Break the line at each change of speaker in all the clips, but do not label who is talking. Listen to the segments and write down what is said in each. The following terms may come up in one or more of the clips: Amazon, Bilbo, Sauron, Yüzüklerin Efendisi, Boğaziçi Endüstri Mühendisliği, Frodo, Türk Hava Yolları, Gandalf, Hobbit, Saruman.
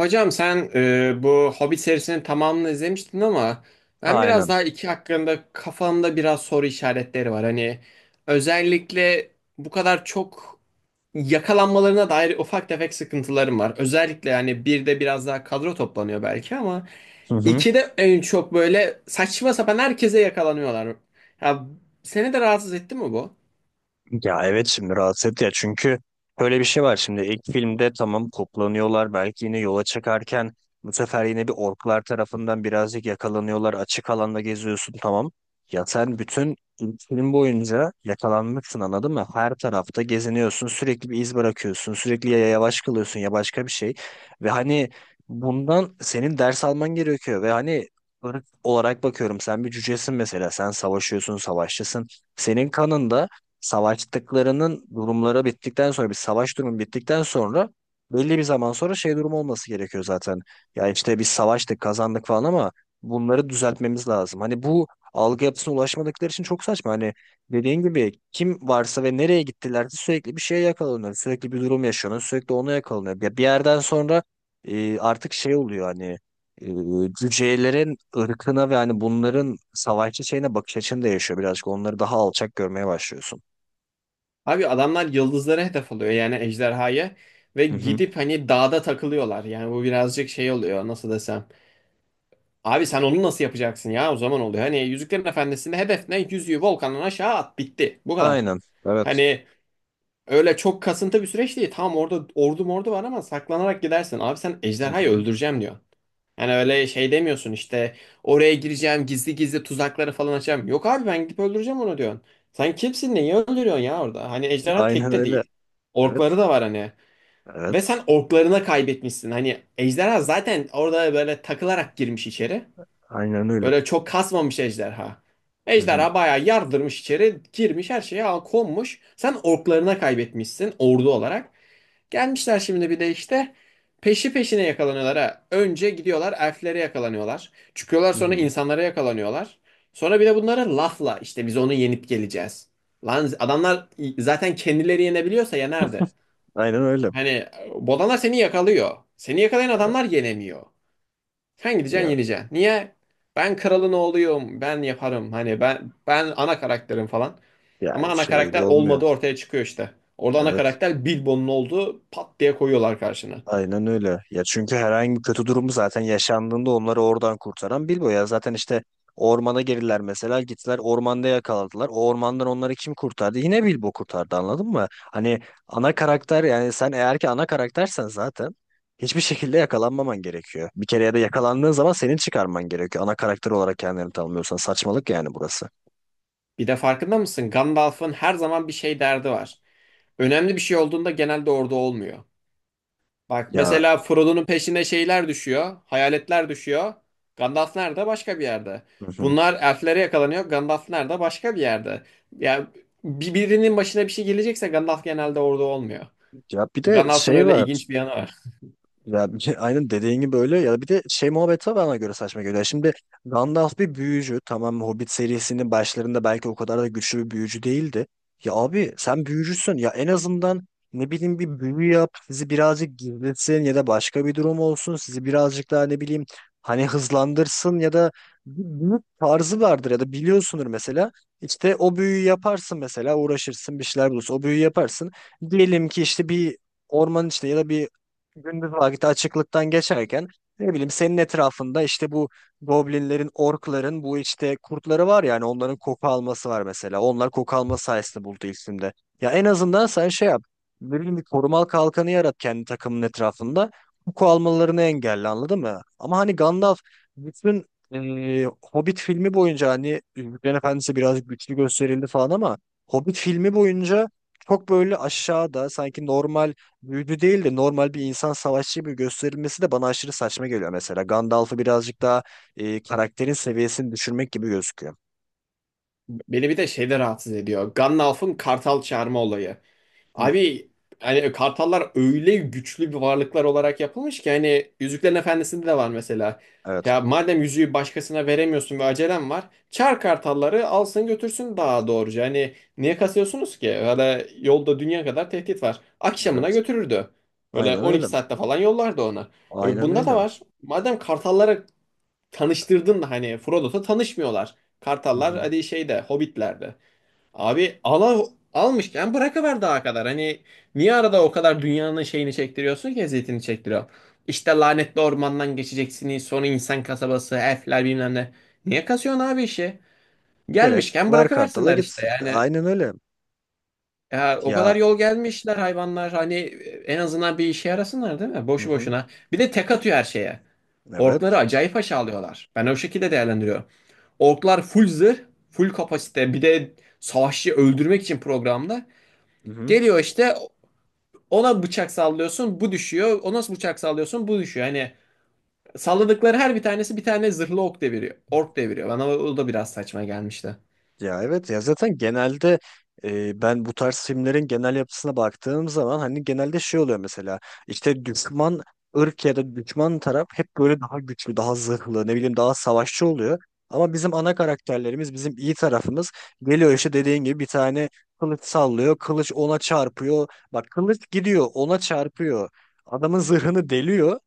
Hocam sen bu Hobbit serisinin tamamını izlemiştin ama ben
Aynen.
biraz daha iki hakkında kafamda biraz soru işaretleri var. Hani özellikle bu kadar çok yakalanmalarına dair ufak tefek sıkıntılarım var. Özellikle yani bir de biraz daha kadro toplanıyor belki ama
Hı hı.
iki de en çok böyle saçma sapan herkese yakalanıyorlar. Ya seni de rahatsız etti mi bu?
Ya evet, şimdi rahatsız etti ya, çünkü böyle bir şey var. Şimdi ilk filmde tamam, toplanıyorlar belki yine yola çıkarken, bu sefer yine bir orklar tarafından birazcık yakalanıyorlar. Açık alanda geziyorsun tamam, ya sen bütün ilk film boyunca yakalanmışsın, anladın mı? Her tarafta geziniyorsun, sürekli bir iz bırakıyorsun, sürekli ya yavaş kalıyorsun ya başka bir şey. Ve hani bundan senin ders alman gerekiyor. Ve hani ırk olarak bakıyorum, sen bir cücesin mesela, sen savaşıyorsun, savaşçısın, senin kanında savaştıklarının durumları bittikten sonra, bir savaş durumu bittikten sonra belli bir zaman sonra şey durumu olması gerekiyor zaten. Ya işte biz savaştık, kazandık falan, ama bunları düzeltmemiz lazım. Hani bu algı yapısına ulaşmadıkları için çok saçma. Hani dediğin gibi kim varsa ve nereye gittilerse sürekli bir şeye yakalanıyor. Sürekli bir durum yaşanıyor. Sürekli ona yakalanıyor. Ya bir yerden sonra artık şey oluyor, hani cücelerin ırkına ve hani bunların savaşçı şeyine bakış açın değişiyor birazcık. Onları daha alçak görmeye başlıyorsun.
Abi adamlar yıldızlara hedef alıyor yani ejderhaya ve
Hı hı.
gidip hani dağda takılıyorlar. Yani bu birazcık şey oluyor nasıl desem. Abi sen onu nasıl yapacaksın ya o zaman oluyor. Hani Yüzüklerin Efendisi'nde hedef ne? Yüzüğü volkandan aşağı at bitti. Bu kadar.
Aynen. Evet.
Hani öyle çok kasıntı bir süreç değil. Tamam orada ordu mordu var ama saklanarak gidersin. Abi sen
Hı
ejderhayı
hı.
öldüreceğim diyor. Yani öyle şey demiyorsun işte oraya gireceğim gizli gizli tuzakları falan açacağım. Yok abi ben gidip öldüreceğim onu diyorsun. Sen kimsin neyi öldürüyorsun ya orada? Hani ejderha
Aynen
tek de
öyle.
değil.
Evet.
Orkları da var hani. Ve
Evet.
sen orklarına kaybetmişsin. Hani ejderha zaten orada böyle takılarak girmiş içeri.
Aynen öyle.
Böyle çok kasmamış ejderha.
Hı hı.
Ejderha bayağı yardırmış içeri, girmiş her şeye al- konmuş. Sen orklarına kaybetmişsin ordu olarak. Gelmişler şimdi bir de işte peşi peşine yakalanıyorlar ha. Önce gidiyorlar elflere yakalanıyorlar. Çıkıyorlar
Hı
sonra
hı.
insanlara yakalanıyorlar. Sonra bir de bunlara lafla işte biz onu yenip geleceğiz. Lan adamlar zaten kendileri yenebiliyorsa yenerdi.
Aynen öyle.
Hani bodanlar seni yakalıyor. Seni yakalayan
Evet.
adamlar yenemiyor. Sen gideceksin
Ya
yeneceksin. Niye? Ben kralın oğluyum. Ben yaparım. Hani ben ana karakterim falan. Ama
yani
ana
işte öyle
karakter
olmuyor.
olmadığı ortaya çıkıyor işte. Orada ana
Evet.
karakter Bilbo'nun olduğu pat diye koyuyorlar karşına.
Aynen öyle. Ya çünkü herhangi bir kötü durumu zaten yaşandığında onları oradan kurtaran Bilbo ya. Zaten işte ormana girdiler mesela, gittiler ormanda yakaladılar. O ormandan onları kim kurtardı? Yine Bilbo kurtardı, anladın mı? Hani ana karakter, yani sen eğer ki ana karaktersen, zaten hiçbir şekilde yakalanmaman gerekiyor. Bir kere ya da yakalandığın zaman senin çıkarman gerekiyor. Ana karakter olarak kendini tanımlıyorsan saçmalık yani burası.
Bir de farkında mısın? Gandalf'ın her zaman bir şey derdi var. Önemli bir şey olduğunda genelde orada olmuyor. Bak
Ya,
mesela Frodo'nun peşine şeyler düşüyor. Hayaletler düşüyor. Gandalf nerede? Başka bir yerde.
hı hı.
Bunlar elflere yakalanıyor. Gandalf nerede? Başka bir yerde. Yani birinin başına bir şey gelecekse Gandalf genelde orada olmuyor.
Ya bir de
Gandalf'ın
şey
öyle
var.
ilginç bir yanı var.
Aynen dediğin gibi, öyle ya, bir de şey muhabbeti var, bana göre saçma geliyor. Şimdi Gandalf bir büyücü tamam, Hobbit serisinin başlarında belki o kadar da güçlü bir büyücü değildi. Ya abi sen büyücüsün ya, en azından ne bileyim, bir büyü yap sizi birazcık gizletsin, ya da başka bir durum olsun sizi birazcık daha ne bileyim, hani hızlandırsın, ya da bir büyü tarzı vardır ya da biliyorsundur mesela. İşte o büyüyü yaparsın, mesela uğraşırsın, bir şeyler bulursun, o büyüyü yaparsın. Diyelim ki işte bir ormanın içinde ya da bir gündüz vakti açıklıktan geçerken, ne bileyim senin etrafında işte bu goblinlerin, orkların, bu işte kurtları var, yani onların koku alması var mesela. Onlar koku alma sayesinde buldu isimde. Ya en azından sen şey yap. Ne bileyim, bir korumal kalkanı yarat kendi takımın etrafında. Koku almalarını engelle, anladın mı? Ama hani Gandalf bütün e, Hobbit filmi boyunca, hani Yüzüklerin Efendisi biraz güçlü gösterildi falan ama Hobbit filmi boyunca çok böyle aşağıda, sanki normal büyücü değil de normal bir insan savaşçı gibi gösterilmesi de bana aşırı saçma geliyor mesela. Gandalf'ı birazcık daha karakterin seviyesini düşürmek gibi gözüküyor.
Beni bir de şey de rahatsız ediyor. Gandalf'ın kartal çağırma olayı.
Hı,
Abi hani kartallar öyle güçlü bir varlıklar olarak yapılmış ki hani Yüzüklerin Efendisi'nde de var mesela.
evet.
Ya madem yüzüğü başkasına veremiyorsun ve acelen var. Çağır kartalları alsın götürsün daha doğruca. Hani niye kasıyorsunuz ki? Öyle yolda dünya kadar tehdit var. Akşamına
Evet.
götürürdü. Böyle
Aynen öyle.
12 saatte falan yollardı ona. E
Aynen
bunda da
öyle.
var. Madem kartallara tanıştırdın da hani Frodo'da tanışmıyorlar.
Hı
Kartallar
hı.
hadi şeyde Hobbit'lerde. Abi ala, almışken bırakıver daha kadar. Hani niye arada o kadar dünyanın şeyini çektiriyorsun ki eziyetini çektiriyor. İşte lanetli ormandan geçeceksiniz sonra insan kasabası, elfler bilmem ne. Niye kasıyorsun abi işi?
Direkt
Gelmişken
ver kartala
bırakıversinler
git.
işte yani.
Aynen öyle.
Ya o kadar
Ya,
yol gelmişler hayvanlar hani en azından bir işe yarasınlar değil mi?
hı
Boşu
hı.
boşuna. Bir de tek atıyor her şeye. Orkları
Evet.
acayip aşağılıyorlar. Ben o şekilde değerlendiriyorum. Orklar full zırh, full kapasite. Bir de savaşçı öldürmek için programda.
Hı hı.
Geliyor işte ona bıçak sallıyorsun bu düşüyor. Ona bıçak sallıyorsun bu düşüyor. Hani salladıkları her bir tanesi bir tane zırhlı ok deviriyor. Ork deviriyor. Bana o da biraz saçma gelmişti.
Ya evet, ya zaten genelde ben bu tarz filmlerin genel yapısına baktığım zaman hani genelde şey oluyor mesela, işte düşman ırk ya da düşman taraf hep böyle daha güçlü, daha zırhlı, ne bileyim daha savaşçı oluyor. Ama bizim ana karakterlerimiz, bizim iyi tarafımız geliyor, işte dediğin gibi bir tane kılıç sallıyor, kılıç ona çarpıyor. Bak, kılıç gidiyor, ona çarpıyor. Adamın zırhını deliyor.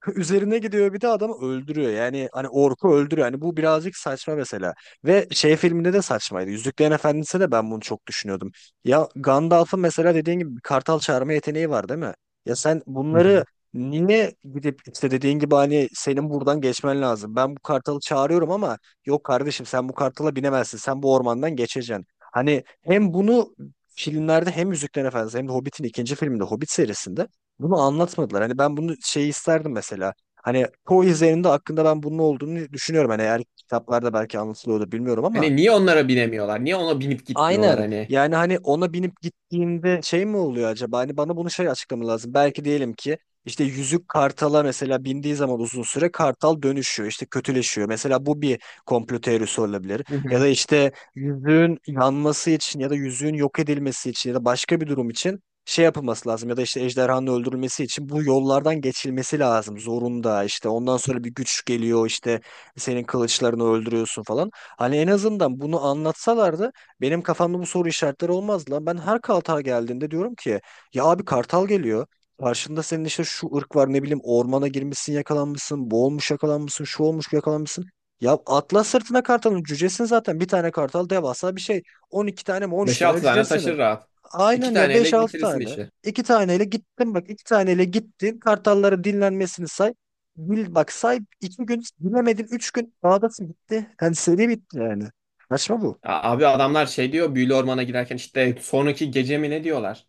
Üzerine gidiyor bir de, adamı öldürüyor. Yani hani orku öldürüyor. Hani bu birazcık saçma mesela. Ve şey filminde de saçmaydı. Yüzüklerin Efendisi de, ben bunu çok düşünüyordum. Ya Gandalf'ın mesela dediğin gibi bir kartal çağırma yeteneği var değil mi? Ya sen
Hı
bunları
hı.
niye gidip, işte dediğin gibi hani senin buradan geçmen lazım. Ben bu kartalı çağırıyorum ama yok kardeşim, sen bu kartala binemezsin. Sen bu ormandan geçeceksin. Hani hem bunu filmlerde, hem Yüzüklerin Efendisi, hem de Hobbit'in ikinci filminde, Hobbit serisinde bunu anlatmadılar. Hani ben bunu şey isterdim mesela. Hani çoğu izlerinde hakkında ben bunun olduğunu düşünüyorum. Hani eğer kitaplarda belki anlatılıyordur bilmiyorum ama.
Hani niye onlara binemiyorlar? Niye ona binip gitmiyorlar
Aynen.
hani?
Yani hani ona binip gittiğinde şey mi oluyor acaba? Hani bana bunu şey açıklama lazım. Belki diyelim ki işte yüzük kartala mesela bindiği zaman uzun süre kartal dönüşüyor, işte kötüleşiyor. Mesela bu bir komplo teorisi olabilir.
Hı
Ya
hı.
da işte yüzüğün yanması için ya da yüzüğün yok edilmesi için ya da başka bir durum için şey yapılması lazım. Ya da işte ejderhanın öldürülmesi için bu yollardan geçilmesi lazım. Zorunda, işte ondan sonra bir güç geliyor, işte senin kılıçlarını öldürüyorsun falan. Hani en azından bunu anlatsalardı benim kafamda bu soru işaretleri olmaz lan. Ben her Kartal geldiğinde diyorum ki ya abi, Kartal geliyor. Karşında senin işte şu ırk var, ne bileyim, ormana girmişsin yakalanmışsın, boğulmuş yakalanmışsın, şu olmuş yakalanmışsın. Ya atla sırtına kartalın, cücesin zaten. Bir tane kartal devasa bir şey. 12 tane mi, 13 tane
5-6 tane
cücesin.
taşır rahat. 2
Aynen ya, beş
taneyle
altı
bitirirsin
tane.
işi.
2 taneyle gittin, bak 2 taneyle gittin. Kartalların dinlenmesini say. Bil bak, say 2 gün, bilemedin 3 gün dağdasın, bitti. Yani seri bitti yani. Saçma bu.
Ya abi adamlar şey diyor büyülü ormana girerken işte sonraki gece mi ne diyorlar?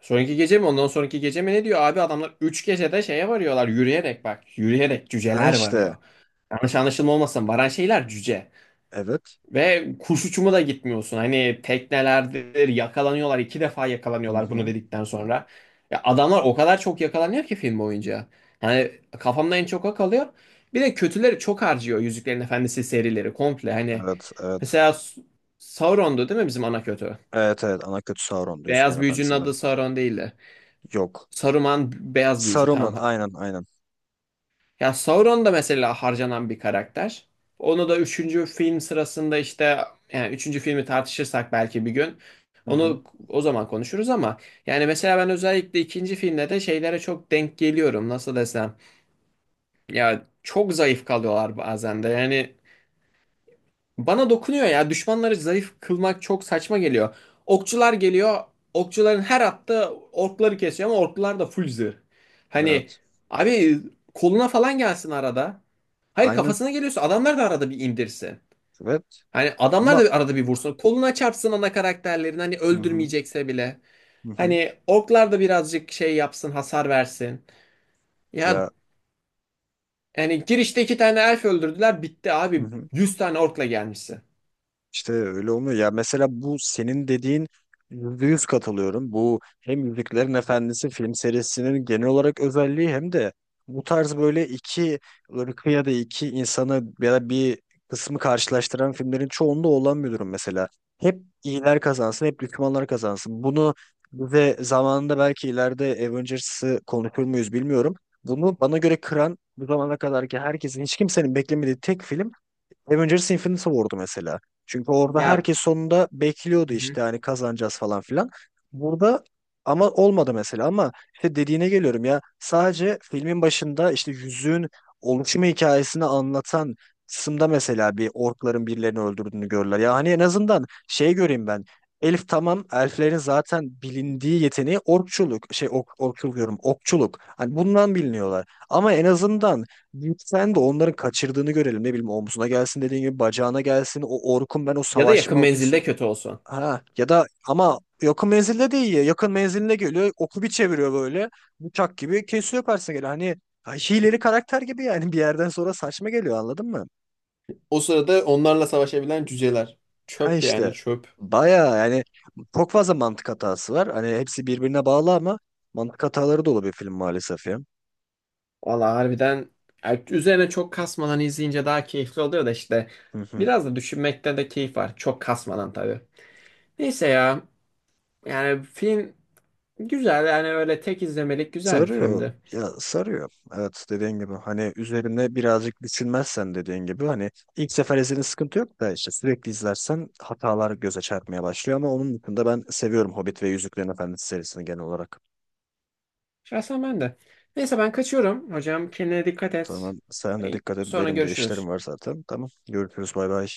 Sonraki gece mi ondan sonraki gece mi ne diyor? Abi adamlar 3 gecede şeye varıyorlar yürüyerek bak. Yürüyerek
Ha
cüceler
işte.
varıyor. Yanlış anlaşılma olmasın. Varan şeyler cüce.
Evet.
Ve kuş uçumu da gitmiyorsun. Hani teknelerdir yakalanıyorlar. İki defa
Hı
yakalanıyorlar
hı.
bunu
Hı
dedikten
hı.
sonra. Ya adamlar o kadar çok yakalanıyor ki film boyunca. Hani kafamda en çok o kalıyor. Bir de kötüleri çok harcıyor Yüzüklerin Efendisi serileri komple. Hani
Evet, evet.
mesela Sauron'du değil mi bizim ana kötü?
Evet, evet. Ana kötü Sauron'du Yüzüklerin
Beyaz büyücünün
Efendisi'nde.
adı Sauron değildi.
Yok.
Saruman beyaz büyücü
Saruman,
tamam.
aynen, aynen.
Ya Sauron da mesela harcanan bir karakter. Onu da üçüncü film sırasında işte yani üçüncü filmi tartışırsak belki bir gün
Hı hı.
onu o zaman konuşuruz ama yani mesela ben özellikle ikinci filmde de şeylere çok denk geliyorum nasıl desem ya çok zayıf kalıyorlar bazen de yani bana dokunuyor ya. Düşmanları zayıf kılmak çok saçma geliyor. Okçular geliyor. Okçuların her attığı orkları kesiyor ama orklar da full zırh. Hani
Evet.
abi koluna falan gelsin arada. Hayır
Aynen.
kafasına geliyorsa adamlar da arada bir indirsin.
Evet.
Hani adamlar
Ama
da bir arada bir vursun. Koluna çarpsın ana karakterlerin hani
hı hı.
öldürmeyecekse bile.
Hı hı.
Hani orklar da birazcık şey yapsın, hasar versin. Ya
Ya
yani girişte iki tane elf öldürdüler, bitti
hı
abi.
hı.
100 tane orkla gelmişsin.
İşte öyle olmuyor. Ya mesela bu senin dediğin, %100 katılıyorum. Bu hem Yüzüklerin Efendisi film serisinin genel olarak özelliği, hem de bu tarz böyle iki ırkı ya da iki insanı ya da bir kısmı karşılaştıran filmlerin çoğunda olan bir durum mesela. Hep iyiler kazansın, hep düşmanlar kazansın. Bunu, ve zamanında belki ileride Avengers'ı konuşur muyuz bilmiyorum. Bunu bana göre kıran, bu zamana kadarki herkesin, hiç kimsenin beklemediği tek film Avengers Infinity War'du mesela. Çünkü orada
Ya
herkes sonunda bekliyordu, işte hani kazanacağız falan filan. Burada ama olmadı mesela, ama işte dediğine geliyorum, ya sadece filmin başında işte yüzüğün oluşumu hikayesini anlatan kısımda mesela bir orkların birilerini öldürdüğünü görürler. Ya hani en azından şey göreyim ben. Elif tamam, elflerin zaten bilindiği yeteneği orkçuluk, şey ok, orkçuluk diyorum, okçuluk. Hani bundan biliniyorlar. Ama en azından sen de onların kaçırdığını görelim. Ne bileyim omzuna gelsin, dediğin gibi bacağına gelsin. O Orkun, ben o
ya da yakın
savaşma, o pis...
menzilde kötü olsun.
Ha, ya da ama yakın menzilde değil ya. Yakın menziline geliyor. Oku bir çeviriyor böyle. Bıçak gibi kesiyor, karşısına geliyor. Hani ha, hileli karakter gibi yani, bir yerden sonra saçma geliyor, anladın mı?
O sırada onlarla savaşabilen cüceler.
Ha
Çöp
işte.
yani çöp.
Baya yani çok fazla mantık hatası var. Hani hepsi birbirine bağlı ama mantık hataları dolu bir film maalesef ya.
Valla harbiden yani üzerine çok kasmadan izleyince daha keyifli oluyor da işte
Hı hı.
biraz da düşünmekte de keyif var. Çok kasmadan tabii. Neyse ya yani film güzel yani öyle tek izlemelik güzel bir
Sarıyor.
filmdi.
Ya sarıyor. Evet dediğin gibi, hani üzerine birazcık düşünmezsen, dediğin gibi hani ilk sefer izlediğin sıkıntı yok da, işte sürekli izlersen hatalar göze çarpmaya başlıyor, ama onun dışında ben seviyorum Hobbit ve Yüzüklerin Efendisi serisini genel olarak.
Şahsen ben de. Neyse ben kaçıyorum. Hocam kendine dikkat et.
Tamam, sen de dikkat et,
Sonra
benim de işlerim
görüşürüz.
var zaten. Tamam, görüşürüz, bay bay.